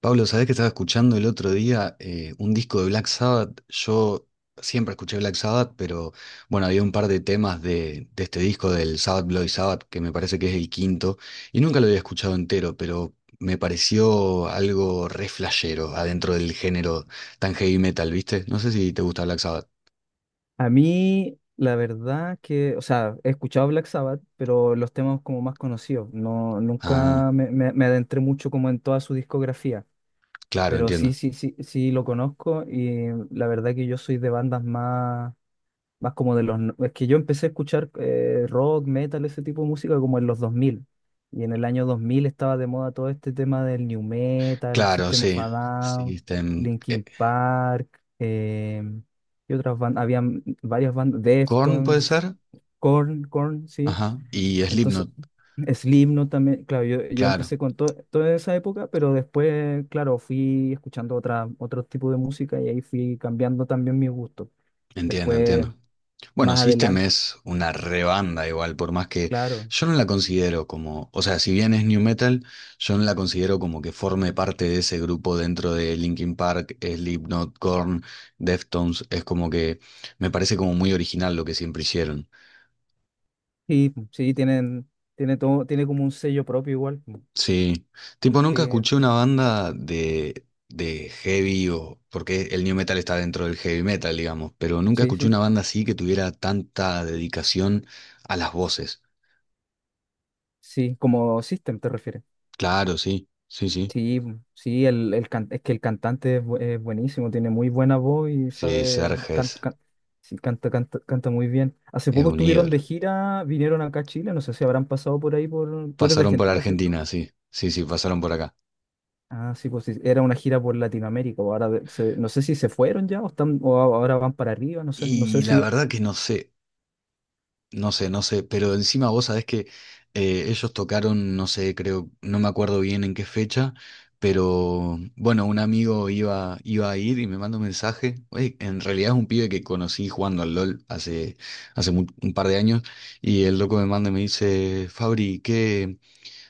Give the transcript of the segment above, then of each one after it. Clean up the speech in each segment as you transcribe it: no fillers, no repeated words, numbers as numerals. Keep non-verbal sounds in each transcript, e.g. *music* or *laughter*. Pablo, ¿sabés que estaba escuchando el otro día un disco de Black Sabbath? Yo siempre escuché Black Sabbath, pero bueno, había un par de temas de este disco del Sabbath Bloody Sabbath, que me parece que es el quinto, y nunca lo había escuchado entero, pero me pareció algo re flashero adentro del género tan heavy metal, ¿viste? No sé si te gusta Black Sabbath. A mí, la verdad que, o sea, he escuchado Black Sabbath, pero los temas como más conocidos. No, Ah, nunca me adentré mucho como en toda su discografía, claro, pero sí, entiendo. sí, sí, sí lo conozco y la verdad que yo soy de bandas más... Más como de los... Es que yo empecé a escuchar rock, metal, ese tipo de música como en los 2000. Y en el año 2000 estaba de moda todo este tema del new metal: Claro, System of sí. a Sí, Down, este, Linkin Park, y otras bandas. Habían varias bandas, Korn puede Deftones, ser. Korn, Korn, sí. Ajá. Y Entonces, Slipknot, *clears throat* Slipknot también. Claro, yo claro. empecé con toda esa época, pero después, claro, fui escuchando otro tipo de música y ahí fui cambiando también mis gustos. Entiendo, Después entiendo. Bueno, más System adelante. es una rebanda igual, por más que Claro, yo no la considero como, o sea, si bien es new metal, yo no la considero como que forme parte de ese grupo dentro de Linkin Park, Slipknot, Korn, Deftones, es como que me parece como muy original lo que siempre hicieron. sí, sí, tiene todo, tiene como un sello propio igual. Mm, Sí, tipo nunca Sí, escuché una banda de heavy o, porque el new metal está dentro del heavy metal, digamos, pero nunca sí, escuché sí. una banda así que tuviera tanta dedicación a las voces. Sí, como System te refieres. Claro, sí, sí, sí. Sí, mm, sí, es que el cantante es buenísimo, tiene muy buena voz y Sí, sabe, Serge es, canta, sí, canta, canta, canta muy bien. Hace es poco un estuvieron de ídolo. gira, vinieron acá a Chile, no sé si habrán pasado por ahí por. Tú eres de Pasaron por Argentina, ¿cierto? Argentina, sí, sí, sí, pasaron por acá. Ah, sí, pues sí, era una gira por Latinoamérica, o ahora no sé si se fueron ya o están, o ahora van para arriba, no sé, no sé Y la si. verdad que no sé, no sé, no sé, pero encima vos sabés que ellos tocaron, no sé, creo, no me acuerdo bien en qué fecha, pero bueno, un amigo iba a ir y me manda un mensaje. Oye, en realidad es un pibe que conocí jugando al LOL hace, un par de años y el loco me manda y me dice, Fabri, ¿qué?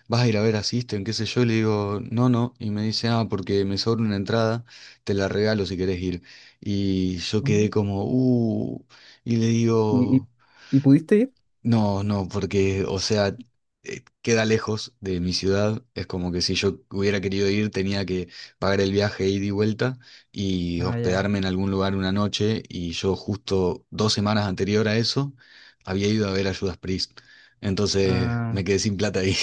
Vas a ir a ver a System, qué sé yo, y le digo, no, no, y me dice, ah, porque me sobra una entrada, te la regalo si querés ir. Y yo quedé Mm. como, y le ¿Y, y- digo, ¿Y pudiste ir? no, no, porque, o sea, queda lejos de mi ciudad, es como que si yo hubiera querido ir, tenía que pagar el viaje ida y vuelta y Ah, ya. hospedarme en algún lugar una noche, y yo justo 2 semanas anterior a eso había ido a ver a Judas Priest. Entonces Ah, me quedé sin plata ahí.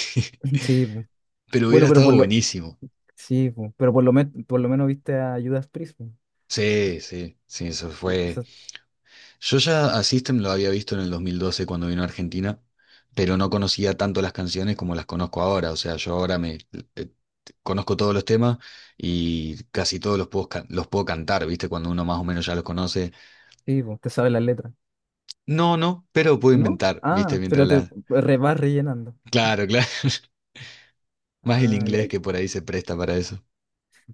*laughs* *laughs* sí, po. Pero hubiera Bueno, pero estado buenísimo. sí, po. Pero por lo menos viste a Judas Priest, po. Sí, sí, sí, eso Eh, fue. Eso, Yo ya a System lo había visto en el 2012 cuando vino a Argentina, pero no conocía tanto las canciones como las conozco ahora. O sea, yo ahora me eh, conozco todos los temas y casi todos los puedo, los puedo cantar, ¿viste? Cuando uno más o menos ya los conoce. sí, po, te sabes las letras. No, no, pero puedo ¿No? inventar, ¿viste? Ah, Mientras pero la. Vas rellenando. Claro, claro. *laughs* Más el Ah, ya. inglés que por ahí se presta para eso.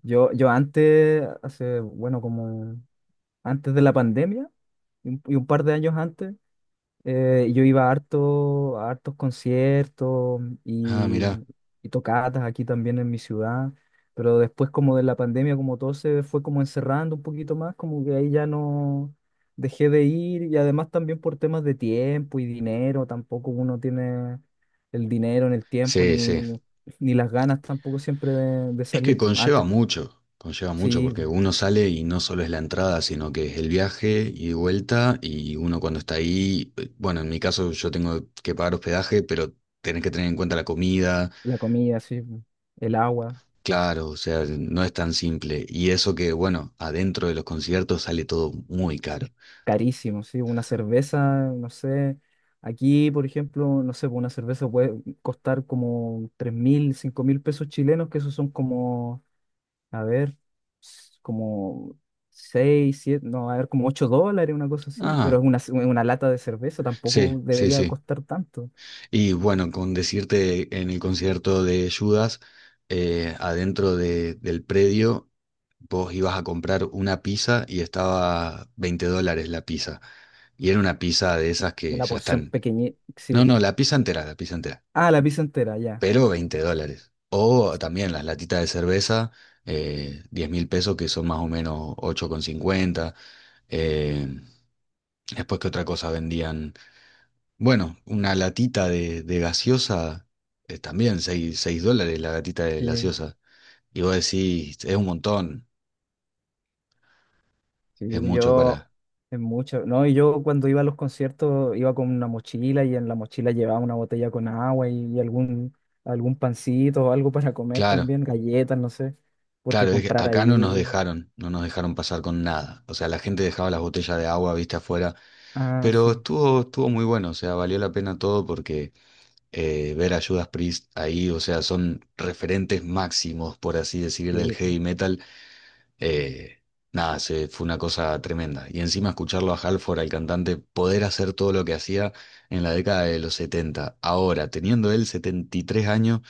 Yo antes, hace, bueno, como antes de la pandemia y un par de años antes, yo iba a hartos conciertos Ah, mirá. y tocatas aquí también en mi ciudad, pero después como de la pandemia, como todo se fue como encerrando un poquito más, como que ahí ya no dejé de ir y además también por temas de tiempo y dinero, tampoco uno tiene el dinero en el tiempo Sí, sí. ni las ganas tampoco siempre de Es que salir. Antes conlleva mucho sí, porque uno sale y no solo es la entrada, sino que es el viaje y vuelta y uno cuando está ahí, bueno, en mi caso yo tengo que pagar hospedaje, pero tenés que tener en cuenta la comida, la comida, sí, el agua. claro, o sea, no es tan simple. Y eso que, bueno, adentro de los conciertos sale todo muy caro. Carísimo, sí, una cerveza, no sé, aquí, por ejemplo, no sé, pues una cerveza puede costar como 3.000, 5.000 pesos chilenos, que esos son como, a ver, como 6, 7, no, a ver, como $8, una cosa así, pero Ah, es una lata de cerveza, tampoco sí, sí, debería sí. costar tanto, Y bueno, con decirte en el concierto de Judas, adentro del predio, vos ibas a comprar una pizza y estaba 20 dólares la pizza. Y era una pizza de esas que una ya porción están. pequeña, sí. No, no, la pizza entera, la pizza entera. Ah, la pizza entera, ya. Pero veinte ¿No? dólares. O también las latitas de cerveza, 10 mil pesos, que son más o menos 8,50. Eh, después, ¿qué otra cosa vendían? Bueno, una latita de gaseosa, también seis dólares la latita de Sí. gaseosa. Y vos decís, es un montón, es Sí, pues, mucho yo para... es mucho, ¿no? Y yo cuando iba a los conciertos iba con una mochila, y en la mochila llevaba una botella con agua y algún pancito o algo para comer Claro, también, galletas, no sé, porque claro, es que comprar acá no nos ahí, dejaron, no nos dejaron pasar con nada. O sea, la gente dejaba las botellas de agua, viste, afuera. ah, Pero sí, estuvo muy bueno, o sea, valió la pena todo porque ver a Judas Priest ahí, o sea, son referentes máximos, por así decir, del sí, heavy metal. Eh, nada, fue una cosa tremenda. Y encima escucharlo a Halford, al cantante, poder hacer todo lo que hacía en la década de los setenta. Ahora, teniendo él 73 años,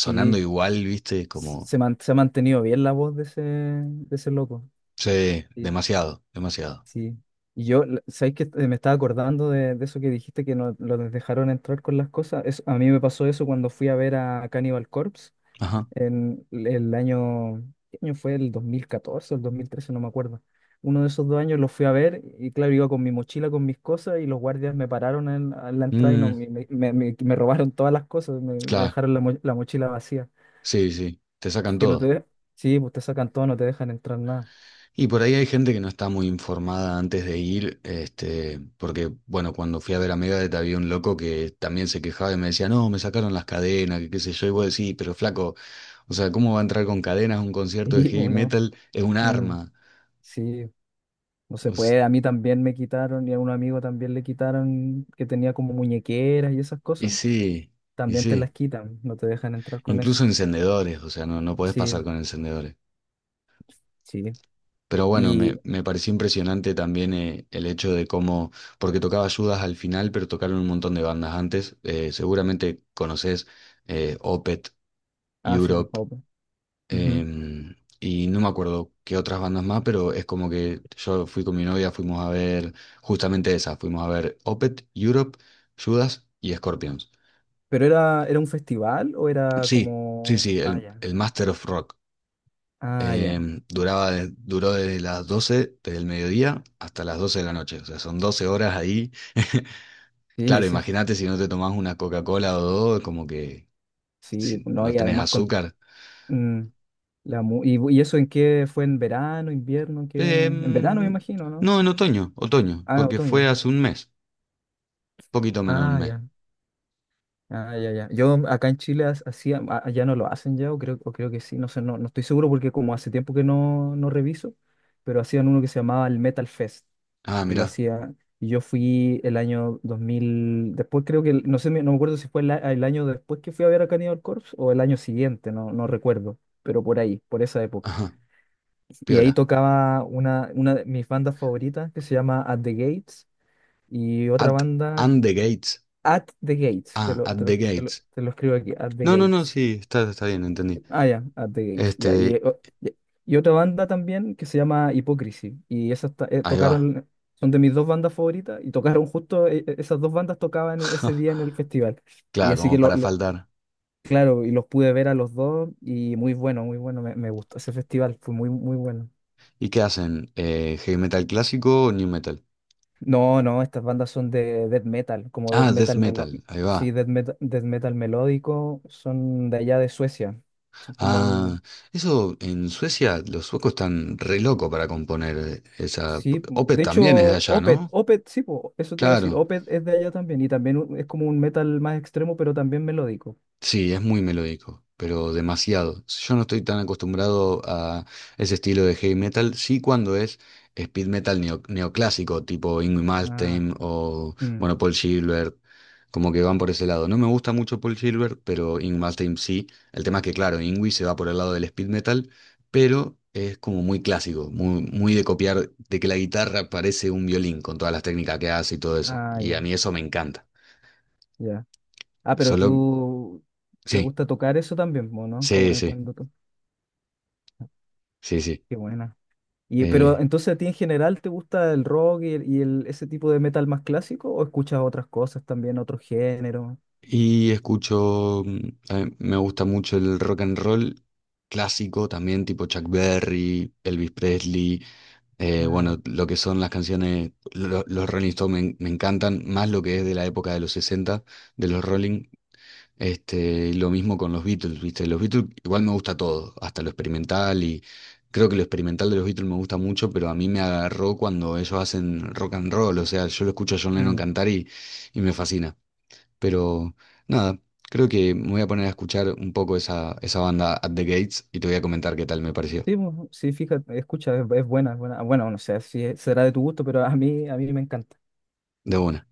sí, igual, viste, como, se ha mantenido bien la voz de ese, loco, sí, sí, demasiado, demasiado. sí. Y yo, ¿sabes qué? Me estaba acordando de eso que dijiste, que no los dejaron entrar con las cosas. A mí me pasó eso cuando fui a ver a Cannibal Corpse, Ajá. en el año, ¿qué año fue? El 2014 o el 2013, no me acuerdo. Uno de esos dos años los fui a ver y claro, iba con mi mochila, con mis cosas, y los guardias me pararon a la entrada y no, Mm, me robaron todas las cosas, me claro, dejaron la mochila vacía. sí, sí, te sacan Que no te todo. de- Sí, pues te sacan todo, no te dejan entrar nada. *laughs* Y por ahí hay gente que no está muy informada antes de ir, este, porque, bueno, cuando fui a ver a Megadeth había un loco que también se quejaba y me decía, no, me sacaron las cadenas, que qué sé yo, y vos decís, pero flaco, o sea, ¿cómo va a entrar con cadenas a un concierto de Sí, heavy bueno. metal? Es un Mm, arma. sí, no O se s- puede. A mí también me quitaron, y a un amigo también le quitaron, que tenía como muñequeras y esas y cosas. sí, y También te las sí. quitan, no te dejan entrar con eso. Incluso encendedores, o sea, no, no podés Sí, pasar con encendedores. sí. Pero bueno, Y, me pareció impresionante también el hecho de cómo, porque tocaba Judas al final, pero tocaron un montón de bandas antes. Seguramente conoces Opeth, ah, sí, Europe, Open. Ujú. Y no me acuerdo qué otras bandas más, pero es como que yo fui con mi novia, fuimos a ver justamente esa, fuimos a ver Opeth, Europe, Judas y Scorpions. ¿Pero era un festival o era Sí, sí, como? sí, Ah, el, ya. el Master of Rock. Ah, ya. Duraba, duró desde las 12 del mediodía hasta las 12 de la noche. O sea, son 12 horas ahí. *laughs* Sí, Claro, sí, imagínate si no te tomás una Coca-Cola o dos, como que sí. si No, no y tenés además con. azúcar. Mm, la mu- y, ¿Y eso en qué fue? ¿En verano, invierno? ¿Qué? En verano me Em, imagino, ¿no? no, en otoño, otoño, Ah, porque otoño. fue hace un mes, poquito menos de un Ah, mes. ya. Ah, ya, ya. Yo acá en Chile hacía, allá no lo hacen ya, o creo que sí, no sé, no estoy seguro porque como hace tiempo que no reviso, pero hacían uno que se llamaba el Metal Fest, Ah, que lo mirá, hacía. Y yo fui el año 2000 después, creo que, no sé, no me acuerdo si fue el año después que fui a ver a Cannibal Corpse o el año siguiente, no recuerdo, pero por ahí, por esa época. ajá, Y ahí piola. tocaba una de mis bandas favoritas, que se llama At the Gates, y otra At banda, and the gates. At the Gates, te Ah, lo, at te the lo, te lo, gates. te lo escribo aquí, At the No, no, no, Gates. sí, está, está bien, entendí. Ah, ya, At the Gates. Ya. Este, Ya. Y otra banda también que se llama Hypocrisy. Y esas ahí va. tocaron, son de mis dos bandas favoritas. Y tocaron justo, esas dos bandas tocaban ese día en *laughs* el festival. Y Claro, así que como para faltar. claro, y los pude ver a los dos. Y muy bueno, muy bueno. Me gustó ese festival, fue muy, muy bueno. ¿Y qué hacen? ¿Heavy metal clásico o new metal? No, no, estas bandas son de death metal, como death Ah, death metal melo, metal, ahí sí, va. death metal melódico, son de allá de Suecia. Son como Ah, un. eso en Suecia los suecos están re locos para componer esa. Sí, Opeth de hecho, también es de allá, Opeth, ¿no? Opeth, sí, po, eso te iba a decir, Claro. Opeth es de allá también y también es como un metal más extremo, pero también melódico. Sí, es muy melódico, pero demasiado. Yo no estoy tan acostumbrado a ese estilo de heavy metal. Sí, cuando es speed metal neoclásico, tipo Ingrid Ah, Malmsteen o, mm, bueno, Paul Gilbert, como que van por ese lado. No me gusta mucho Paul Gilbert, pero Ingrid Malmsteen sí. El tema es que, claro, Ingrid se va por el lado del speed metal, pero es como muy clásico, muy, muy de copiar, de que la guitarra parece un violín con todas las técnicas que hace y todo eso. ah, Y a ya, mí eso me encanta. ya. Ah, pero Solo, tú te sí, gusta tocar eso también, po, ¿no? Como, sí, sí, cuando to. sí, sí. Qué buena. Pero Eh, entonces a ti en general te gusta el rock ese tipo de metal más clásico, o escuchas otras cosas también, otros géneros? y escucho, mm, a mí me gusta mucho el rock and roll clásico también, tipo Chuck Berry, Elvis Presley, Ah, ya. bueno, lo que son las canciones, los Rolling Stones me encantan, más lo que es de la época de los 60 de los Rolling, este, y lo mismo con los Beatles, ¿viste? Los Beatles igual me gusta todo, hasta lo experimental y creo que lo experimental de los Beatles me gusta mucho, pero a mí me agarró cuando ellos hacen rock and roll, o sea, yo lo escucho a John Lennon Mm. cantar y me fascina. Pero nada, creo que me voy a poner a escuchar un poco esa banda At the Gates y te voy a comentar qué tal me pareció. Sí, po, sí, fíjate, escucha, es buena, es buena. Bueno, no sé si será de tu gusto, pero a mí me encanta. De una.